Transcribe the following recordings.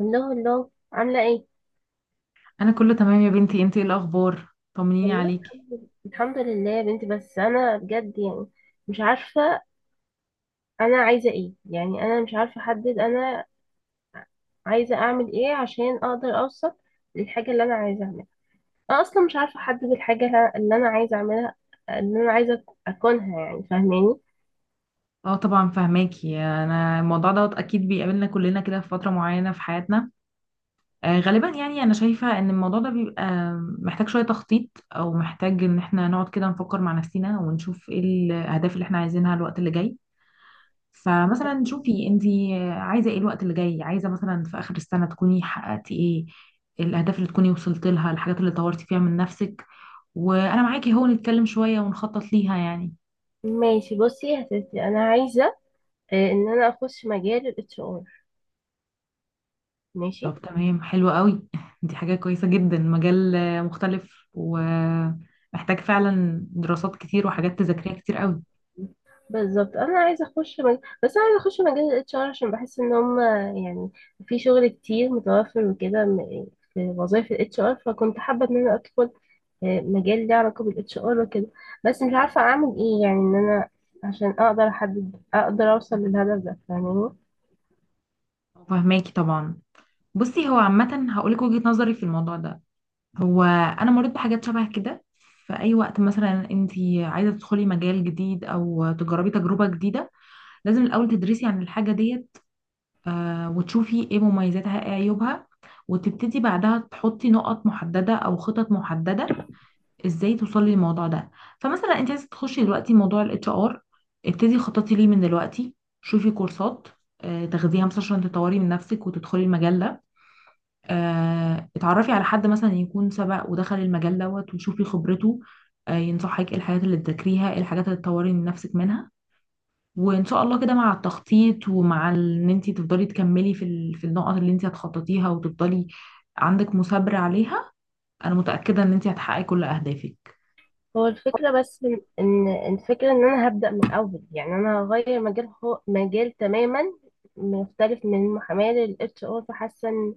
الله الله عاملة ايه؟ انا كله تمام يا بنتي، انتي ايه الاخبار؟ طمنيني والله عليكي. الحمد لله يا بنتي، بس انا بجد، يعني مش عارفة. انا عايزة ايه يعني؟ انا مش عارفة احدد، انا عايزة اعمل ايه عشان اقدر اوصل للحاجة اللي انا عايزة اعملها. انا اصلا مش عارفة احدد الحاجة اللي انا عايزة اعملها، اللي انا عايزة اكونها، يعني فاهماني؟ اه طبعا فهماكي، انا الموضوع دوت اكيد بيقابلنا كلنا كده في فتره معينه في حياتنا. غالبا يعني انا شايفه ان الموضوع ده بيبقى محتاج شويه تخطيط، او محتاج ان احنا نقعد كده نفكر مع نفسنا ونشوف ايه الاهداف اللي احنا عايزينها الوقت اللي جاي. فمثلا شوفي، انتي عايزه ايه الوقت اللي جاي؟ عايزه مثلا في اخر السنه تكوني حققتي ايه الاهداف؟ اللي تكوني وصلت لها، الحاجات اللي طورتي فيها من نفسك. وانا معاكي اهو، نتكلم شويه ونخطط ليها يعني. ماشي، بصي يا ستي، انا عايزة، ان انا اخش مجال الاتش ار. ماشي. طب تمام، حلو قوي. دي حاجة كويسة جدا. مجال مختلف، ومحتاج فعلا دراسات كتير وحاجات تذاكريها كتير قوي. بالظبط، انا عايزه بس انا عايزه اخش مجال الاتش ار، عشان بحس ان هم يعني في شغل كتير متوفر وكده، في وظايف الاتش ار، فكنت حابه ان انا ادخل مجال ليه علاقه بالاتش ار وكده. بس مش عارفه اعمل ايه، يعني ان انا عشان اقدر احدد، اقدر اوصل للهدف ده، فاهماني؟ فهماكي طبعا. بصي، هو عامة هقولك وجهة نظري في الموضوع ده. هو أنا مريت بحاجات شبه كده. في أي وقت مثلا انتي عايزة تدخلي مجال جديد أو تجربي تجربة جديدة، لازم الأول تدرسي عن الحاجة ديت، وتشوفي ايه مميزاتها ايه عيوبها، وتبتدي بعدها تحطي نقط محددة أو خطط محددة ازاي توصلي للموضوع ده. فمثلا انت عايزه تخشي دلوقتي موضوع الاتش ار، ابتدي خططي ليه من دلوقتي. شوفي كورسات تاخديها مثلا عشان تطوري من نفسك وتدخلي المجال ده. اتعرفي على حد مثلا يكون سبق ودخل المجال دوت وشوفي خبرته، ينصحك ايه الحاجات اللي تذاكريها ايه الحاجات اللي تطوري من نفسك منها. وان شاء الله كده مع التخطيط، ومع ان انت تفضلي تكملي في في النقط اللي انت هتخططيها، وتفضلي عندك مثابرة عليها، انا متأكدة ان انت هتحققي كل اهدافك. هو الفكره بس، ان الفكره ان انا هبدا من الاول، يعني انا هغير مجال، هو مجال تماما مختلف من المحاماه للاتش ار، فحاسه.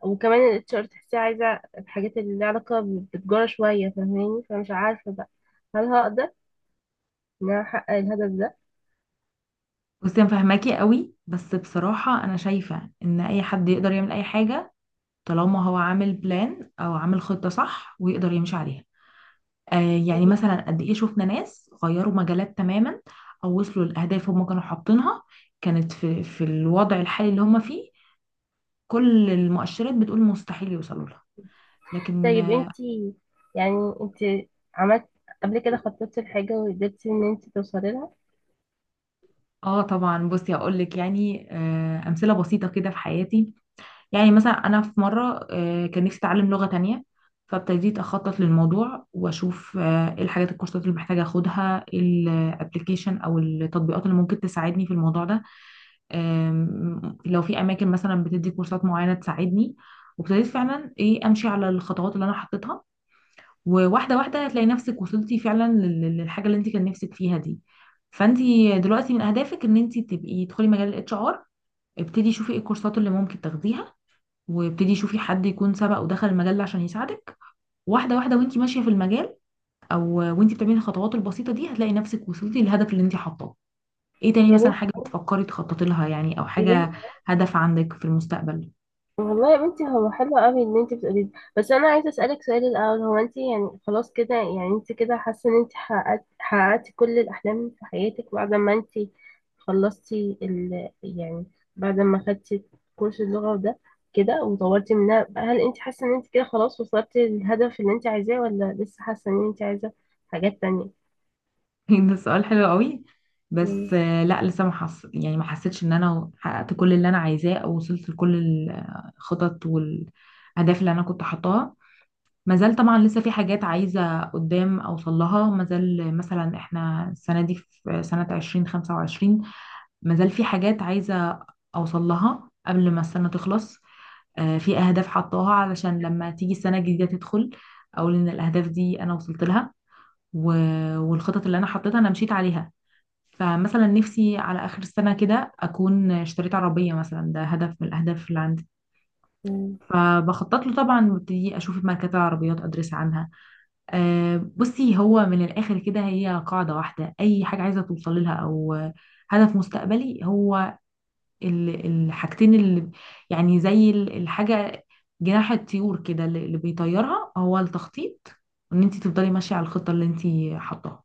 وكمان الاتش ار تحسيه عايزة الحاجات اللي لها علاقة بالتجارة شوية، فاهماني؟ فمش عارفة بقى، هل هقدر ان انا احقق الهدف ده. بصي انا فاهماكي قوي، بس بصراحة انا شايفة ان اي حد يقدر يعمل اي حاجة طالما هو عامل بلان او عامل خطة صح ويقدر يمشي عليها. آه يعني مثلا قد ايه شفنا ناس غيروا مجالات تماما، او وصلوا لاهداف هم كانوا حاطينها كانت في الوضع الحالي اللي هم فيه كل المؤشرات بتقول مستحيل يوصلوا لها، لكن طيب انتي، يعني انتي عملت قبل كده، خططتي لحاجة وقدرتي ان انتي توصلي لها؟ آه طبعا. بصي هقول لك يعني، امثلة بسيطة كده في حياتي. يعني مثلا انا في مره كان نفسي اتعلم لغه تانية، فابتديت اخطط للموضوع واشوف ايه الحاجات الكورسات اللي محتاجه اخدها، الابلكيشن او التطبيقات اللي ممكن تساعدني في الموضوع ده، لو في اماكن مثلا بتدي كورسات معينه تساعدني. وابتديت فعلا ايه امشي على الخطوات اللي انا حطيتها، وواحده واحده هتلاقي نفسك وصلتي فعلا للحاجه اللي انت كان نفسك فيها دي. فانت دلوقتي من اهدافك ان انت تبقي تدخلي مجال الاتش ار. ابتدي شوفي ايه الكورسات اللي ممكن تاخديها، وابتدي شوفي حد يكون سبق ودخل المجال ده عشان يساعدك. واحده واحده وانت ماشيه في المجال. او وانت بتعملي الخطوات البسيطه دي هتلاقي نفسك وصلتي للهدف اللي انت حاطاه. ايه تاني يا مثلا بنتي، حاجه بتفكري تخططي لها يعني، او يا حاجه، بنتي، هدف عندك في المستقبل؟ والله يا بنتي هو حلو قوي ان انت بتقولي ده، بس انا عايزه اسالك سؤال الاول. هو انت، يعني خلاص كده، يعني انت كده حاسه ان انت حققتي كل الاحلام في حياتك، بعد ما انت خلصتي يعني بعد ما خدتي كورس اللغه ده كده وطورتي منها، هل انت حاسه ان انت كده خلاص وصلتي للهدف اللي انت عايزاه، ولا لسه حاسه ان انت عايزه حاجات تانية؟ ده سؤال حلو قوي. مم. بس لا، لسه ما حس... يعني ما حسيتش ان انا حققت كل اللي انا عايزاه او وصلت لكل الخطط والاهداف اللي انا كنت حاطاها. ما زال طبعا لسه في حاجات عايزة قدام أوصل لها. ما زال مثلا احنا السنة دي في سنة 2025، ما زال في حاجات عايزة أوصل لها قبل ما السنة تخلص. في أهداف حطاها علشان لما تيجي السنة الجديدة تدخل، أقول إن الأهداف دي أنا وصلت لها، والخطط اللي أنا حطيتها أنا مشيت عليها. فمثلا نفسي على آخر السنة كده أكون اشتريت عربية مثلا، ده هدف من الأهداف اللي عندي، مم. فبخطط له طبعا وابتدي أشوف ماركات العربيات أدرس عنها. بصي هو من الآخر كده، هي قاعدة واحدة، أي حاجة عايزة توصل لها أو هدف مستقبلي، هو الحاجتين اللي، يعني زي الحاجة جناح الطيور كده، اللي بيطيرها هو التخطيط، وإن أنت تفضلي ماشية على الخطة اللي أنت حطاها.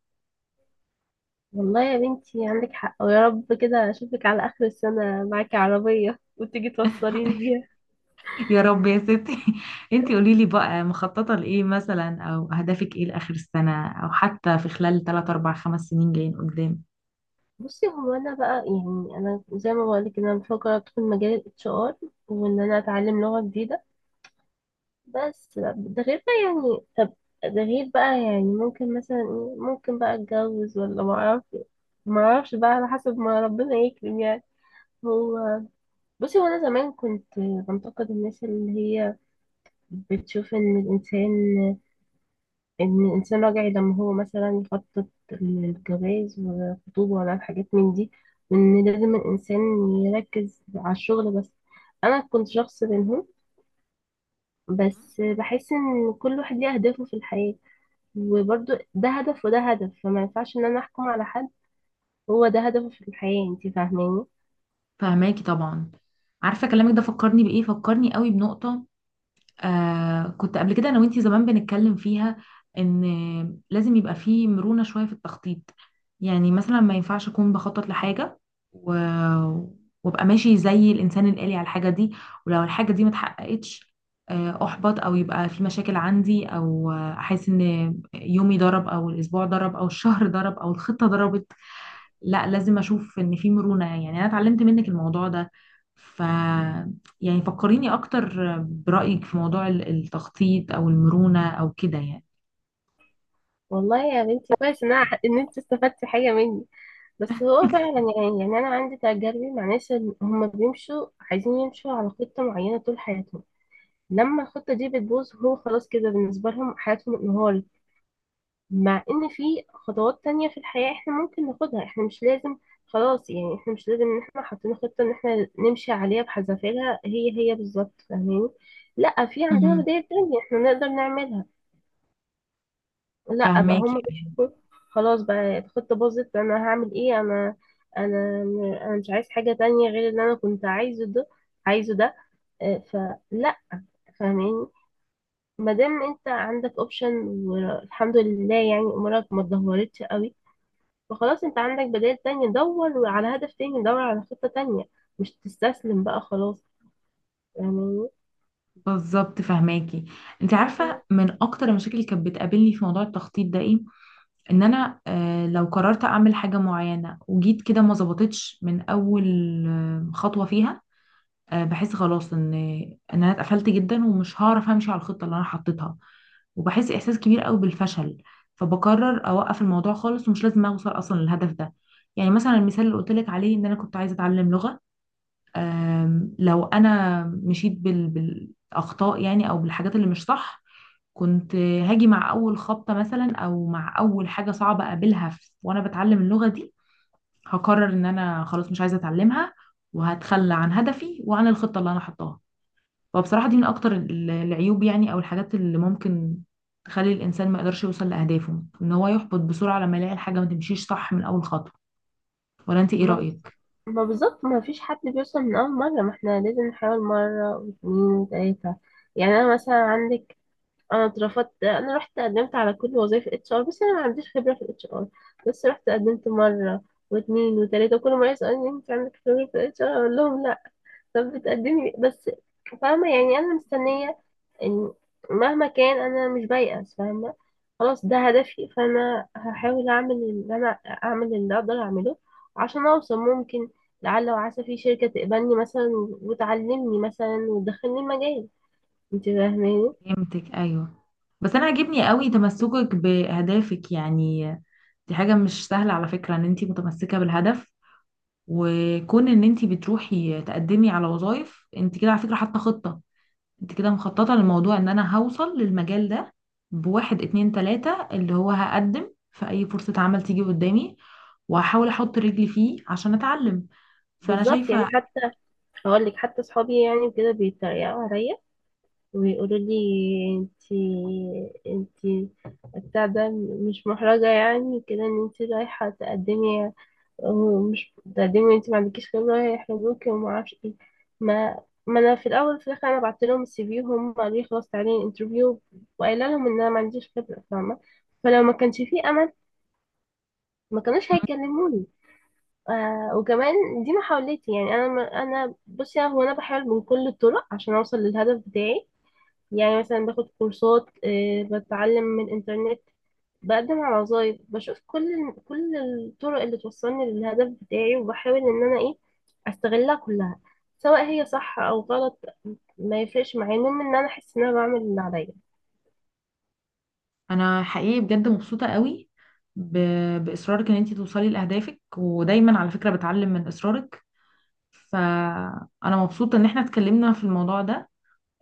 والله يا بنتي عندك حق، ويا رب كده اشوفك على اخر السنه معاكي عربيه وتيجي توصليني بيها. يا رب يا ستي. أنت قولي لي بقى، مخططة لإيه مثلا، أو هدفك إيه لآخر السنة، أو حتى في خلال 3 4 5 سنين جايين قدام؟ بصي، هو انا بقى، يعني انا زي ما بقولك ان انا بفكر ادخل مجال الاتش ار، وان انا اتعلم لغه جديده. بس ده غير بقى، يعني طب، ده غير بقى يعني ممكن مثلا ممكن بقى اتجوز ولا ما اعرف، ما اعرفش بقى، على حسب ما ربنا يكرم يعني. هو، بصي، هو انا زمان كنت بنتقد الناس اللي هي بتشوف ان الانسان، راجعي لما هو مثلا يخطط للجواز والخطوبه، ولا الحاجات من دي، وان لازم الانسان يركز على الشغل بس. انا كنت شخص منهم، بس بحس ان كل واحد ليه اهدافه في الحياه، وبرضه ده هدف وده هدف، فما ينفعش ان انا احكم على حد هو ده هدفه في الحياه، انت فاهماني؟ فهماكي طبعا. عارفه كلامك ده فكرني بايه؟ فكرني قوي بنقطه آه كنت قبل كده انا وانتي زمان بنتكلم فيها، ان لازم يبقى فيه مرونه شويه في التخطيط. يعني مثلا ما ينفعش اكون بخطط لحاجه و... وابقى ماشي زي الانسان الآلي على الحاجه دي، ولو الحاجه دي ما اتحققتش احبط، او يبقى في مشاكل عندي، او احس ان يومي ضرب او الاسبوع ضرب او الشهر ضرب او الخطه ضربت. لا، لازم اشوف ان في مرونة. يعني انا اتعلمت منك الموضوع ده. ف يعني فكريني اكتر برأيك في موضوع التخطيط او المرونة او كده يعني. والله يا بنتي كويس ان انت استفدتي حاجه مني. بس هو فعلا، يعني يعني انا عندي تجاربي مع ناس، هم بيمشوا، عايزين يمشوا على خطه معينه طول حياتهم، لما الخطة دي بتبوظ هو خلاص كده بالنسبة لهم حياتهم انهار. مع ان في خطوات تانية في الحياة احنا ممكن ناخدها، احنا مش لازم خلاص، يعني احنا مش لازم ان احنا حاطين خطة ان احنا نمشي عليها بحذافيرها هي هي بالظبط، فاهمين؟ لا، في عندنا مهم. بداية تانية احنا نقدر نعملها. لا بقى، هم فهماكي. بيحبوا خلاص بقى الخطة باظت انا هعمل ايه، انا انا مش عايز حاجة تانية غير اللي انا كنت عايزه ده، عايزه ده. اه، فلا، فاهمين؟ ما دام انت عندك اوبشن، والحمد لله يعني امورك ما اتدهورتش قوي، فخلاص انت عندك بدائل تانية، دور على هدف تاني، دور على خطة تانية، مش تستسلم بقى خلاص يعني. بالظبط فهماكي. انت عارفه من اكتر المشاكل اللي كانت بتقابلني في موضوع التخطيط ده ايه؟ ان انا لو قررت اعمل حاجه معينه وجيت كده ما ظبطتش من اول خطوه فيها، بحس خلاص ان انا اتقفلت جدا ومش هعرف امشي على الخطه اللي انا حطيتها، وبحس احساس كبير قوي بالفشل، فبقرر اوقف الموضوع خالص ومش لازم اوصل اصلا للهدف ده. يعني مثلا المثال اللي قلت لك عليه ان انا كنت عايزه اتعلم لغه، لو انا مشيت بالاخطاء يعني او بالحاجات اللي مش صح، كنت هاجي مع اول خبطه مثلا او مع اول حاجه صعبه اقابلها وانا بتعلم اللغه دي، هقرر ان انا خلاص مش عايزه اتعلمها، وهتخلى عن هدفي وعن الخطه اللي انا حطاها. فبصراحة دي من أكتر العيوب يعني، أو الحاجات اللي ممكن تخلي الإنسان ما يقدرش يوصل لأهدافه، إن هو يحبط بسرعة لما يلاقي الحاجة ما تمشيش صح من أول خطوة. ولا أنت إيه ما رأيك؟ ما بالظبط، ما فيش حد بيوصل من أول مرة، ما احنا لازم نحاول مرة واتنين وتلاتة. يعني أنا مثلا عندك، أنا اترفضت، أنا رحت قدمت على كل وظائف اتش ار، بس أنا ما عنديش خبرة في الاتش ار. بس رحت قدمت مرة واتنين وتلاتة، وكل مرة يسألني أنت عندك خبرة في الاتش ار، أقول لهم لا. طب بتقدمي بس؟ فاهمة؟ يعني أنا مستنية إن، مهما كان، أنا مش بيأس، فاهمة؟ خلاص ده هدفي، فأنا هحاول أعمل اللي أنا، أعمل اللي أقدر أعمله، عشان أوصل. ممكن لعل وعسى في شركة تقبلني مثلا وتعلمني مثلا وتدخلني المجال، انت فاهماني؟ فهمتك أيوه. بس أنا عاجبني قوي تمسكك بأهدافك يعني. دي حاجة مش سهلة على فكرة، إن أنت متمسكة بالهدف، وكون إن أنت بتروحي تقدمي على وظائف، أنت كده على فكرة حاطة خطة، انت كده مخططة للموضوع ان انا هوصل للمجال ده بواحد اتنين تلاتة، اللي هو هقدم في اي فرصة عمل تيجي قدامي وهحاول احط رجلي فيه عشان اتعلم. فانا بالظبط. شايفة. يعني حتى، هقول لك حتى صحابي يعني كده بيتريقوا عليا ويقولوا لي: انتي انتي بتاع ده، مش محرجة يعني كده ان انتي رايحة تقدمي، ومش تقدمي وانتي ما عندكيش خبرة، هيحرجوكي وما اعرفش ايه. ما ما انا في الاول في الاخر انا بعت لهم السي في، وهم قالوا لي خلاص تعالي انترفيو، وقايله لهم ان انا ما عنديش خبرة، فاهمة؟ فلو ما كانش في امل ما كانوش هيكلموني. وكمان دي محاولتي، يعني انا بصي، هو انا بحاول من كل الطرق عشان اوصل للهدف بتاعي. يعني مثلا باخد كورسات، بتعلم من الإنترنت، بقدم على وظايف، بشوف كل الطرق اللي توصلني للهدف بتاعي، وبحاول إن أنا أستغلها كلها، سواء هي صح أو غلط، ما يفرقش معايا، المهم إن أنا أحس إن أنا بعمل اللي عليا. انا حقيقي بجد مبسوطة قوي ب... باصرارك ان انت توصلي لاهدافك، ودايما على فكرة بتعلم من اصرارك. فانا مبسوطة ان احنا اتكلمنا في الموضوع ده.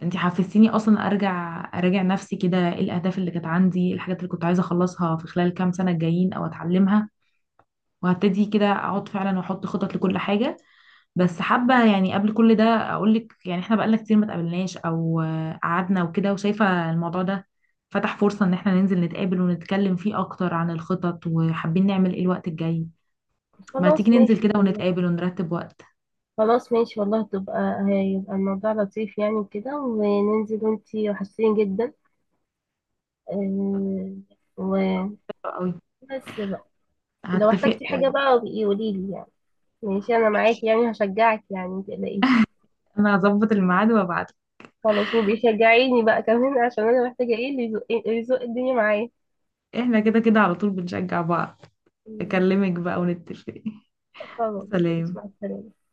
انت حفزتيني اصلا ارجع اراجع نفسي كده ايه الاهداف اللي كانت عندي، الحاجات اللي كنت عايزة اخلصها في خلال كام سنة الجايين او اتعلمها، وهبتدي كده اقعد فعلا واحط خطط لكل حاجه. بس حابه يعني قبل كل ده اقول لك يعني احنا بقالنا كتير ما اتقابلناش، او قعدنا وكده، وشايفه الموضوع ده فتح فرصه ان احنا ننزل نتقابل ونتكلم فيه اكتر عن الخطط، وحابين نعمل ايه الوقت الجاي. ما تيجي خلاص، ننزل ماشي كده والله. ونتقابل ونرتب وقت. خلاص ماشي والله، تبقى هيبقى الموضوع لطيف يعني وكده، وننزل، وانتي وحشتيني جدا، آه، وبس حلو قوي. بقى. لو هتفق احتجتي حاجة بقى، قوليلي يعني، ماشي، انا ماشي. معاكي يعني، هشجعك يعني، متقلقيش. انا هظبط الميعاد وابعت. خلاص، وبيشجعيني بقى كمان، عشان انا محتاجه ايه اللي يزق، اللي يزق الدنيا معايا. احنا كده كده على طول بنشجع بعض. مم. اكلمك بقى ونتفق. خلاص ماشي، سلام. مع السلامه.